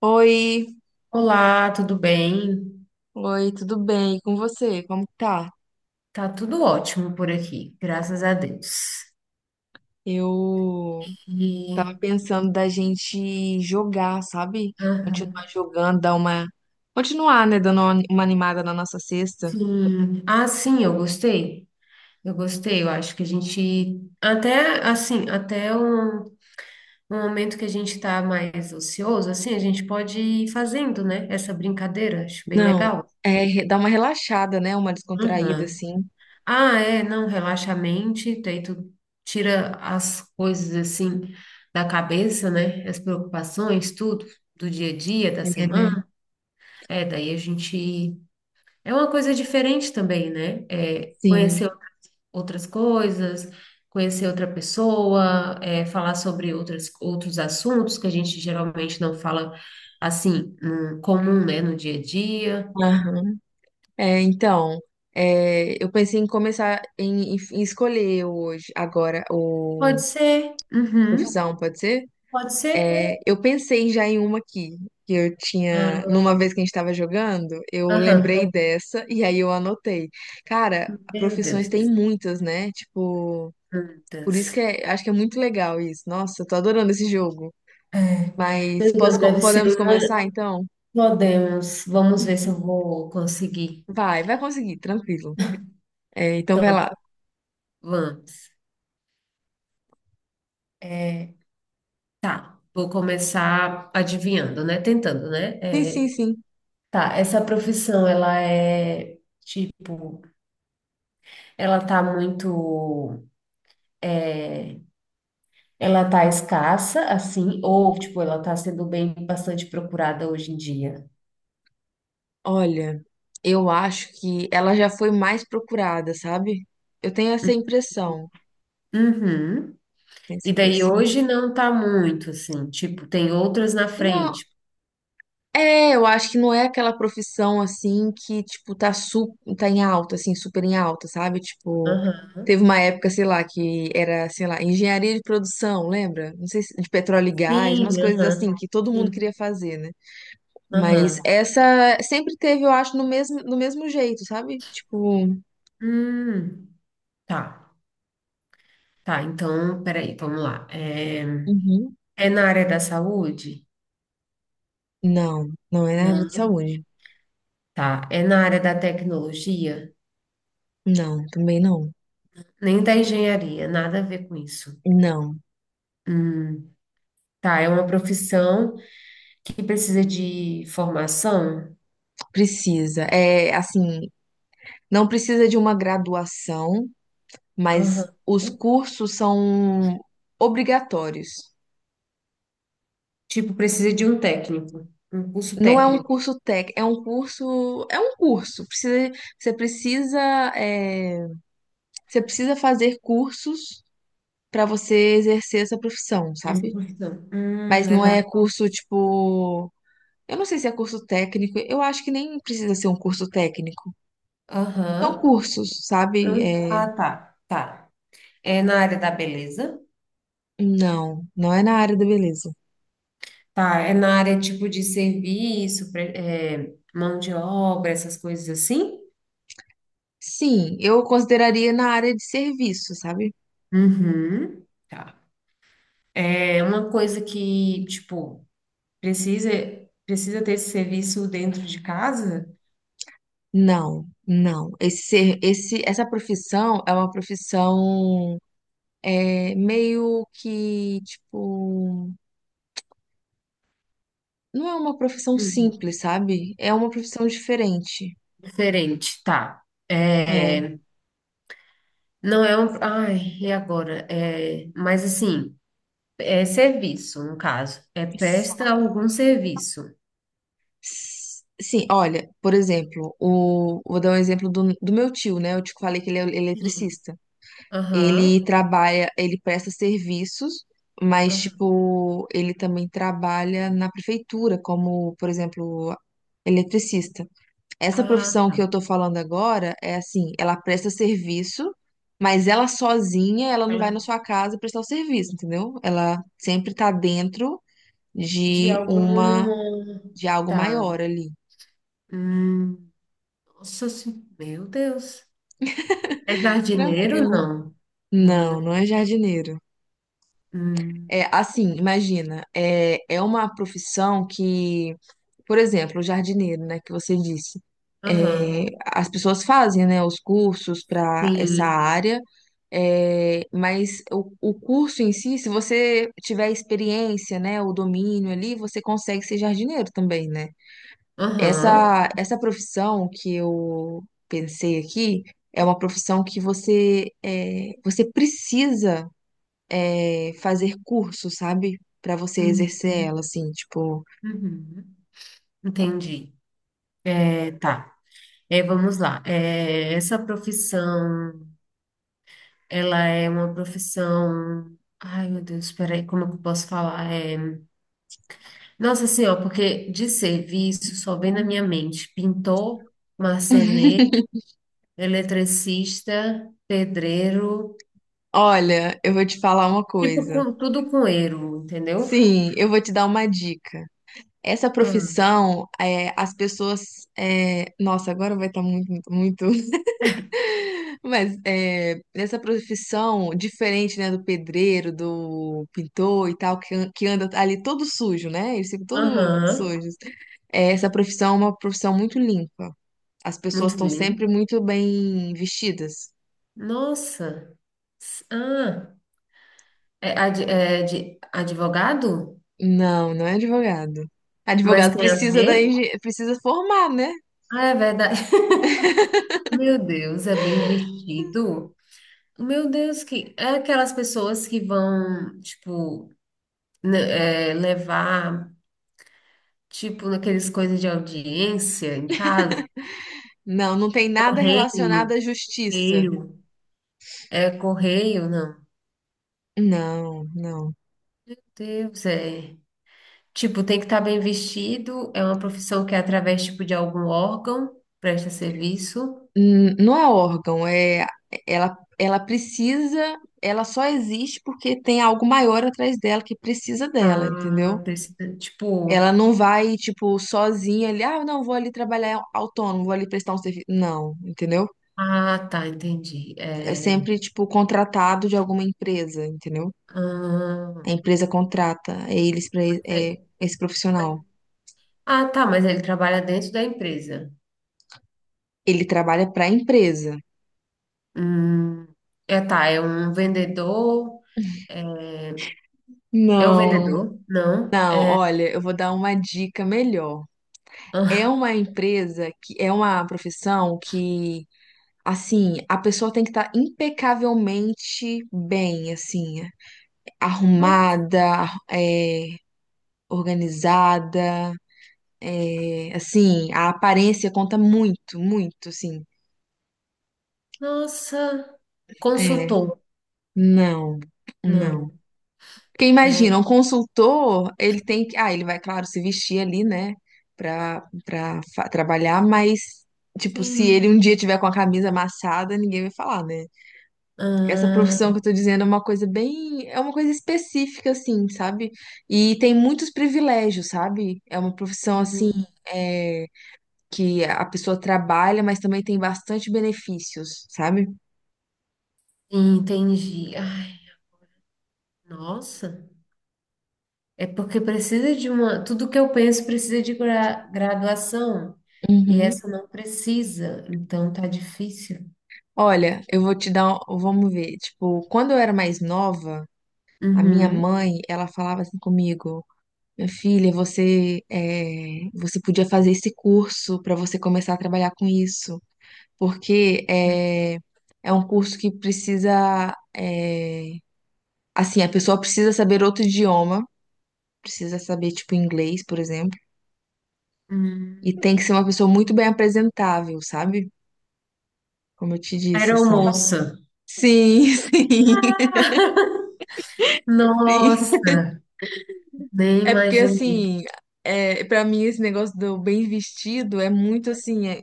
Oi, Olá, tudo bem? oi, tudo bem? E com você? Como que tá? Tá tudo ótimo por aqui, graças a Deus. Eu tava E, pensando da gente jogar, sabe? aham, Continuar jogando, dar uma. Continuar, né? Dando uma animada na nossa sexta. sim. Ah, sim, eu gostei. Eu gostei, eu acho que a gente até assim, até um momento que a gente tá mais ocioso, assim, a gente pode ir fazendo, né? Essa brincadeira, acho bem Não, legal. é dar uma relaxada, né? Uma descontraída, Aham. assim. Ah, é, não, relaxa a mente, daí tu tira as coisas assim da cabeça, né? As preocupações, tudo, do dia a dia, da É, né? semana. É, daí a gente. É uma coisa diferente também, né? É, Sim. conhecer outras coisas, conhecer outra pessoa, é, falar sobre outros assuntos que a gente geralmente não fala assim, no comum, né? No dia a dia. Aham. É, então, eu pensei em começar em escolher hoje, agora, Pode o ser. Uhum. profissão, pode ser? Pode ser. É, eu pensei já em uma aqui, que eu tinha, Ah, numa vez que a gente estava jogando, eu aham. lembrei dessa e aí eu anotei. Cara, Meu profissões tem Deus. muitas, né? Tipo, por isso Plantas. que é, acho que é muito legal isso. Nossa, eu tô adorando esse jogo. É. Mas Meu posso, Deus, deve ser podemos uma. começar então? Podemos. Vamos ver se eu vou conseguir. Vai, vai conseguir, tranquilo. É, então Então, vai lá. vamos. É, tá. Vou começar adivinhando, né? Tentando, né? Sim, sim, É, sim. tá. Essa profissão, ela é tipo, ela tá muito, ela tá escassa, assim, ou tipo, ela tá sendo bem bastante procurada hoje em dia. Olha, eu acho que ela já foi mais procurada, sabe? Eu tenho essa impressão. Uhum. Tenho E essa daí impressão. hoje não tá muito, assim, tipo, tem outras na Não. frente. É, eu acho que não é aquela profissão assim que, tipo, tá em alta, assim, super em alta, sabe? Tipo, Aham. teve uma época, sei lá, que era, sei lá, engenharia de produção, lembra? Não sei se de petróleo e gás, umas Sim, coisas aham. assim que todo mundo Sim, queria fazer, né? Mas aham. essa sempre teve, eu acho, no mesmo jeito, sabe? Tipo, Hum, tá. Tá, então, peraí, vamos lá. É, uhum. é na área da saúde? Não, não é na área de Não. saúde. Tá. É na área da tecnologia? Não, também não. Nem da engenharia, nada a ver com isso. Não, Hum, tá, é uma profissão que precisa de formação? precisa. É assim, não precisa de uma graduação. Mas Aham. os cursos são obrigatórios. Tipo, precisa de um técnico, um curso Não é um técnico. curso técnico, é um curso. Precisa, você precisa, é, você precisa fazer cursos para você exercer essa profissão, Essa sabe? profissão. Mas É não é na. curso tipo, eu não sei se é curso técnico. Eu acho que nem precisa ser um curso técnico. São Aham. cursos, sabe? É, ah, tá. Tá. É na área da beleza? não, não é na área da beleza. Tá, é na área tipo de serviço, mão de obra, essas coisas assim? Sim, eu consideraria na área de serviço, sabe? Uhum. Tá. É uma coisa que, tipo, precisa, precisa ter esse serviço dentro de casa? Não, não. Essa profissão é uma profissão meio que, tipo, não é uma profissão Uhum. simples, sabe? É uma profissão diferente. Diferente, tá. É. É, não é um. Ai, e agora? É, mas assim, é serviço, no caso. É S- presta algum serviço. Sim, olha, por exemplo, vou dar um exemplo do meu tio, né? Eu te falei que ele é Sim. eletricista. Ele Aham. trabalha, ele presta serviços, mas, Aham. tipo, ele também trabalha na prefeitura, como, por exemplo, eletricista. Essa Ah, profissão que tá. eu tô falando agora é assim, ela presta serviço, mas ela sozinha, ela não vai na Ela- sua casa prestar o serviço, entendeu? Ela sempre tá dentro De de uma, algum. de algo Tá. maior ali. Hum, nossa, meu Deus. É jardineiro? Tranquilo. Não. Não, Não, não. não é jardineiro. Hum, É, assim, imagina, é uma profissão que, por exemplo, o jardineiro, né, que você disse, é, aham. as pessoas fazem, né, os cursos para essa Sim. área, é, mas o curso em si, se você tiver experiência, né, o domínio ali, você consegue ser jardineiro também, né? Aham. Essa profissão que eu pensei aqui é uma profissão que você precisa fazer curso, sabe? Pra você exercer Uhum. ela, assim, tipo, Uhum. Entendi. É, tá. É, vamos lá. É, essa profissão, ela é uma profissão. Ai, meu Deus, peraí, como é que eu posso falar? É... Nossa Senhora, porque de serviço só vem na minha mente pintor, marceneiro, eletricista, pedreiro. olha, eu vou te falar uma Tipo, coisa. com, tudo com eiro entendeu? Sim, eu vou te dar uma dica. Essa Ah, profissão, é, as pessoas. Nossa, agora vai estar muito, muito, muito. Mas essa profissão, diferente, né, do pedreiro, do pintor e tal, que, que anda ali todo sujo, né? Eles ficam todos aham, sujos. É, essa profissão é uma profissão muito limpa. As pessoas muito estão sempre bem. muito bem vestidas. Nossa. S- ah, é, é de advogado? Não, não é advogado. Mas Advogado tem a ver? Precisa formar, né? Ah, é verdade. Meu Deus, é bem vestido. Meu Deus, que é aquelas pessoas que vão, tipo, ne- é, levar, tipo, naqueles coisas de audiência em casa. Não, não tem nada relacionado Correio, à justiça. correio. É correio, não. Não, não. Deus, é. Tipo, tem que estar bem vestido, é uma profissão que é através, tipo, de algum órgão, presta serviço. Não é órgão, é ela precisa, ela só existe porque tem algo maior atrás dela que precisa dela, entendeu? Ah, precisa, Ela tipo... não vai, tipo, sozinha ali, ah, não, vou ali trabalhar autônomo, vou ali prestar um serviço. Não, entendeu? Ah, tá, entendi. É É, sempre, tipo, contratado de alguma empresa, entendeu? A ah, empresa contrata eles para mas é- esse profissional. mas- ah, tá, mas ele trabalha dentro da empresa. Ele trabalha para a empresa. Hum, é, tá, é um vendedor... É é um Não, vendedor? Não. não, olha, eu vou dar uma dica melhor. É Ah, uma empresa que é uma profissão que, assim, a pessoa tem que estar impecavelmente bem, assim, no- arrumada, é, organizada, é, assim, a aparência conta muito, muito, assim. nossa, É, consultor? não, não. Não. Porque imagina, É, um consultor, ele tem que. Ah, ele vai, claro, se vestir ali, né, pra trabalhar, mas, tipo, se ele um sim. dia tiver com a camisa amassada, ninguém vai falar, né? Essa Ah, profissão que eu tô dizendo é uma coisa bem. É uma coisa específica, assim, sabe? E tem muitos privilégios, sabe? É uma profissão, assim, é, que a pessoa trabalha, mas também tem bastante benefícios, sabe? entendi. Ai, nossa. É porque precisa de uma. Tudo que eu penso precisa de graduação. E Uhum. essa não precisa. Então tá difícil. Olha, eu vou te dar. Vamos ver. Tipo, quando eu era mais nova. A minha Uhum. mãe, ela falava assim comigo, minha filha, você podia fazer esse curso para você começar a trabalhar com isso, porque é um curso que precisa, assim, a pessoa precisa saber outro idioma, precisa saber tipo inglês, por exemplo, e Hum. tem que ser uma pessoa muito bem apresentável, sabe? Como eu te disse, assim. Aeromoça. Sim, sim, sim. Nossa, nem É porque imaginei. assim, para mim esse negócio do bem vestido é muito assim. é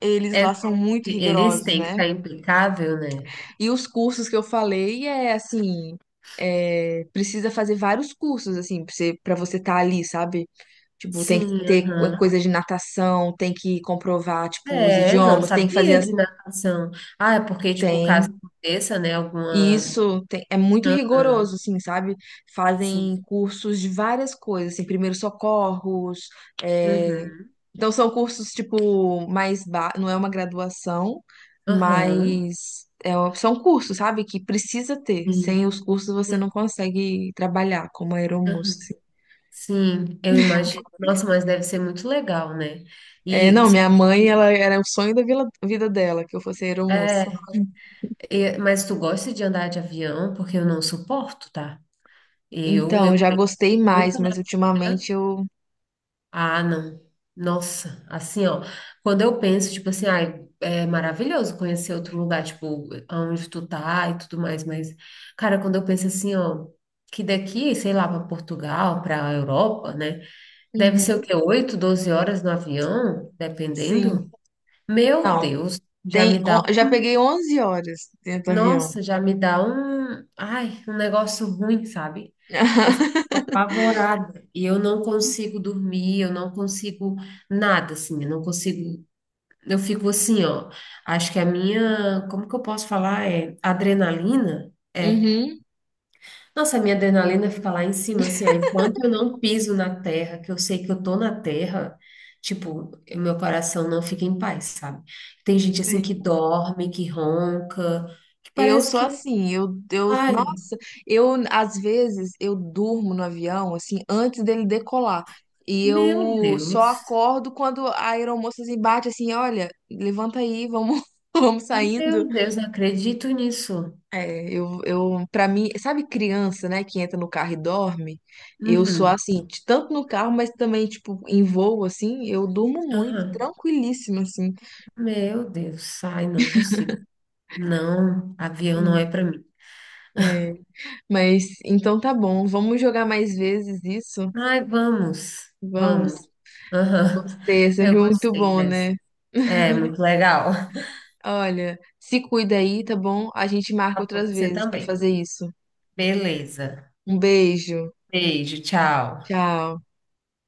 eles É, lá são muito eles rigorosos, têm que né? estar impecável, né? E os cursos que eu falei é assim, precisa fazer vários cursos assim para você estar ali, sabe? Tipo, tem que Sim, ter aham. coisa de natação, tem que comprovar tipo os É, eu não idiomas, tem que fazer sabia as. de natação. Ah, é porque, tipo, caso Tem aconteça, né? E Alguma. isso é muito Aham, rigoroso, assim, sabe? sim. Fazem cursos de várias coisas, assim, primeiros socorros. é, Uhum. Então, são cursos, tipo, mais. Não é uma graduação, Aham. mas são cursos, sabe? Que precisa ter. Sim. Sem os cursos, você não consegue trabalhar como aeromoça, Aham. assim. Sim, eu imagino. Nossa, mas deve ser muito legal, né? É, E não, só minha mãe, que, ela era o sonho da vida dela, que eu fosse aeromoça. é, e- mas tu gosta de andar de avião? Porque eu não suporto, tá? Eu Então, já mesmo gostei mais, nunca, né? mas ultimamente eu. Ah, não. Nossa, assim, ó, quando eu penso, tipo assim, ai, é maravilhoso conhecer outro lugar, tipo, aonde tu tá e tudo mais, mas, cara, quando eu penso assim, ó, que daqui, sei lá, para Portugal, para Europa, né? Deve ser o Uhum, quê? 8 12 horas no avião, sim. dependendo. Meu Não. Deus, já me Tem, dá, já peguei 11 horas dentro do avião. nossa, já me dá um, ai, um negócio ruim, sabe? Eu fico apavorada e eu não consigo dormir, eu não consigo nada, assim, eu não consigo, eu fico assim, ó, acho que a minha, como que eu posso falar? É adrenalina? É, Uhum, nossa, a minha adrenalina fica lá em cima, assim, ó, enquanto eu não piso na terra, que eu sei que eu tô na terra, tipo, o meu coração não fica em paz, sabe? Tem gente assim que sim. dorme, que ronca, que Eu parece sou que, assim, eu, ai, nossa, eu, às vezes, eu durmo no avião, assim, antes dele decolar. E meu eu só Deus, acordo quando a aeromoça assim, bate assim, olha, levanta aí, vamos, vamos saindo. meu Deus, não acredito nisso. É, eu, pra mim, sabe criança, né, que entra no carro e dorme? Eu sou Uhum, assim, tanto no carro, mas também, tipo, em voo, assim, eu durmo muito, aham. tranquilíssima, assim. Meu Deus, ai, não consigo. Não, avião não é Hum, para mim. É, mas então tá bom. Vamos jogar mais vezes isso? Ai, vamos, Vamos. vamos. Aham, Gostei, é sempre eu muito gostei bom, dessa. né? É, muito legal. Olha, se cuida aí, tá bom? A gente marca Com outras você vezes pra também. fazer isso. Beleza. Um beijo. Beijo, tchau. Tchau.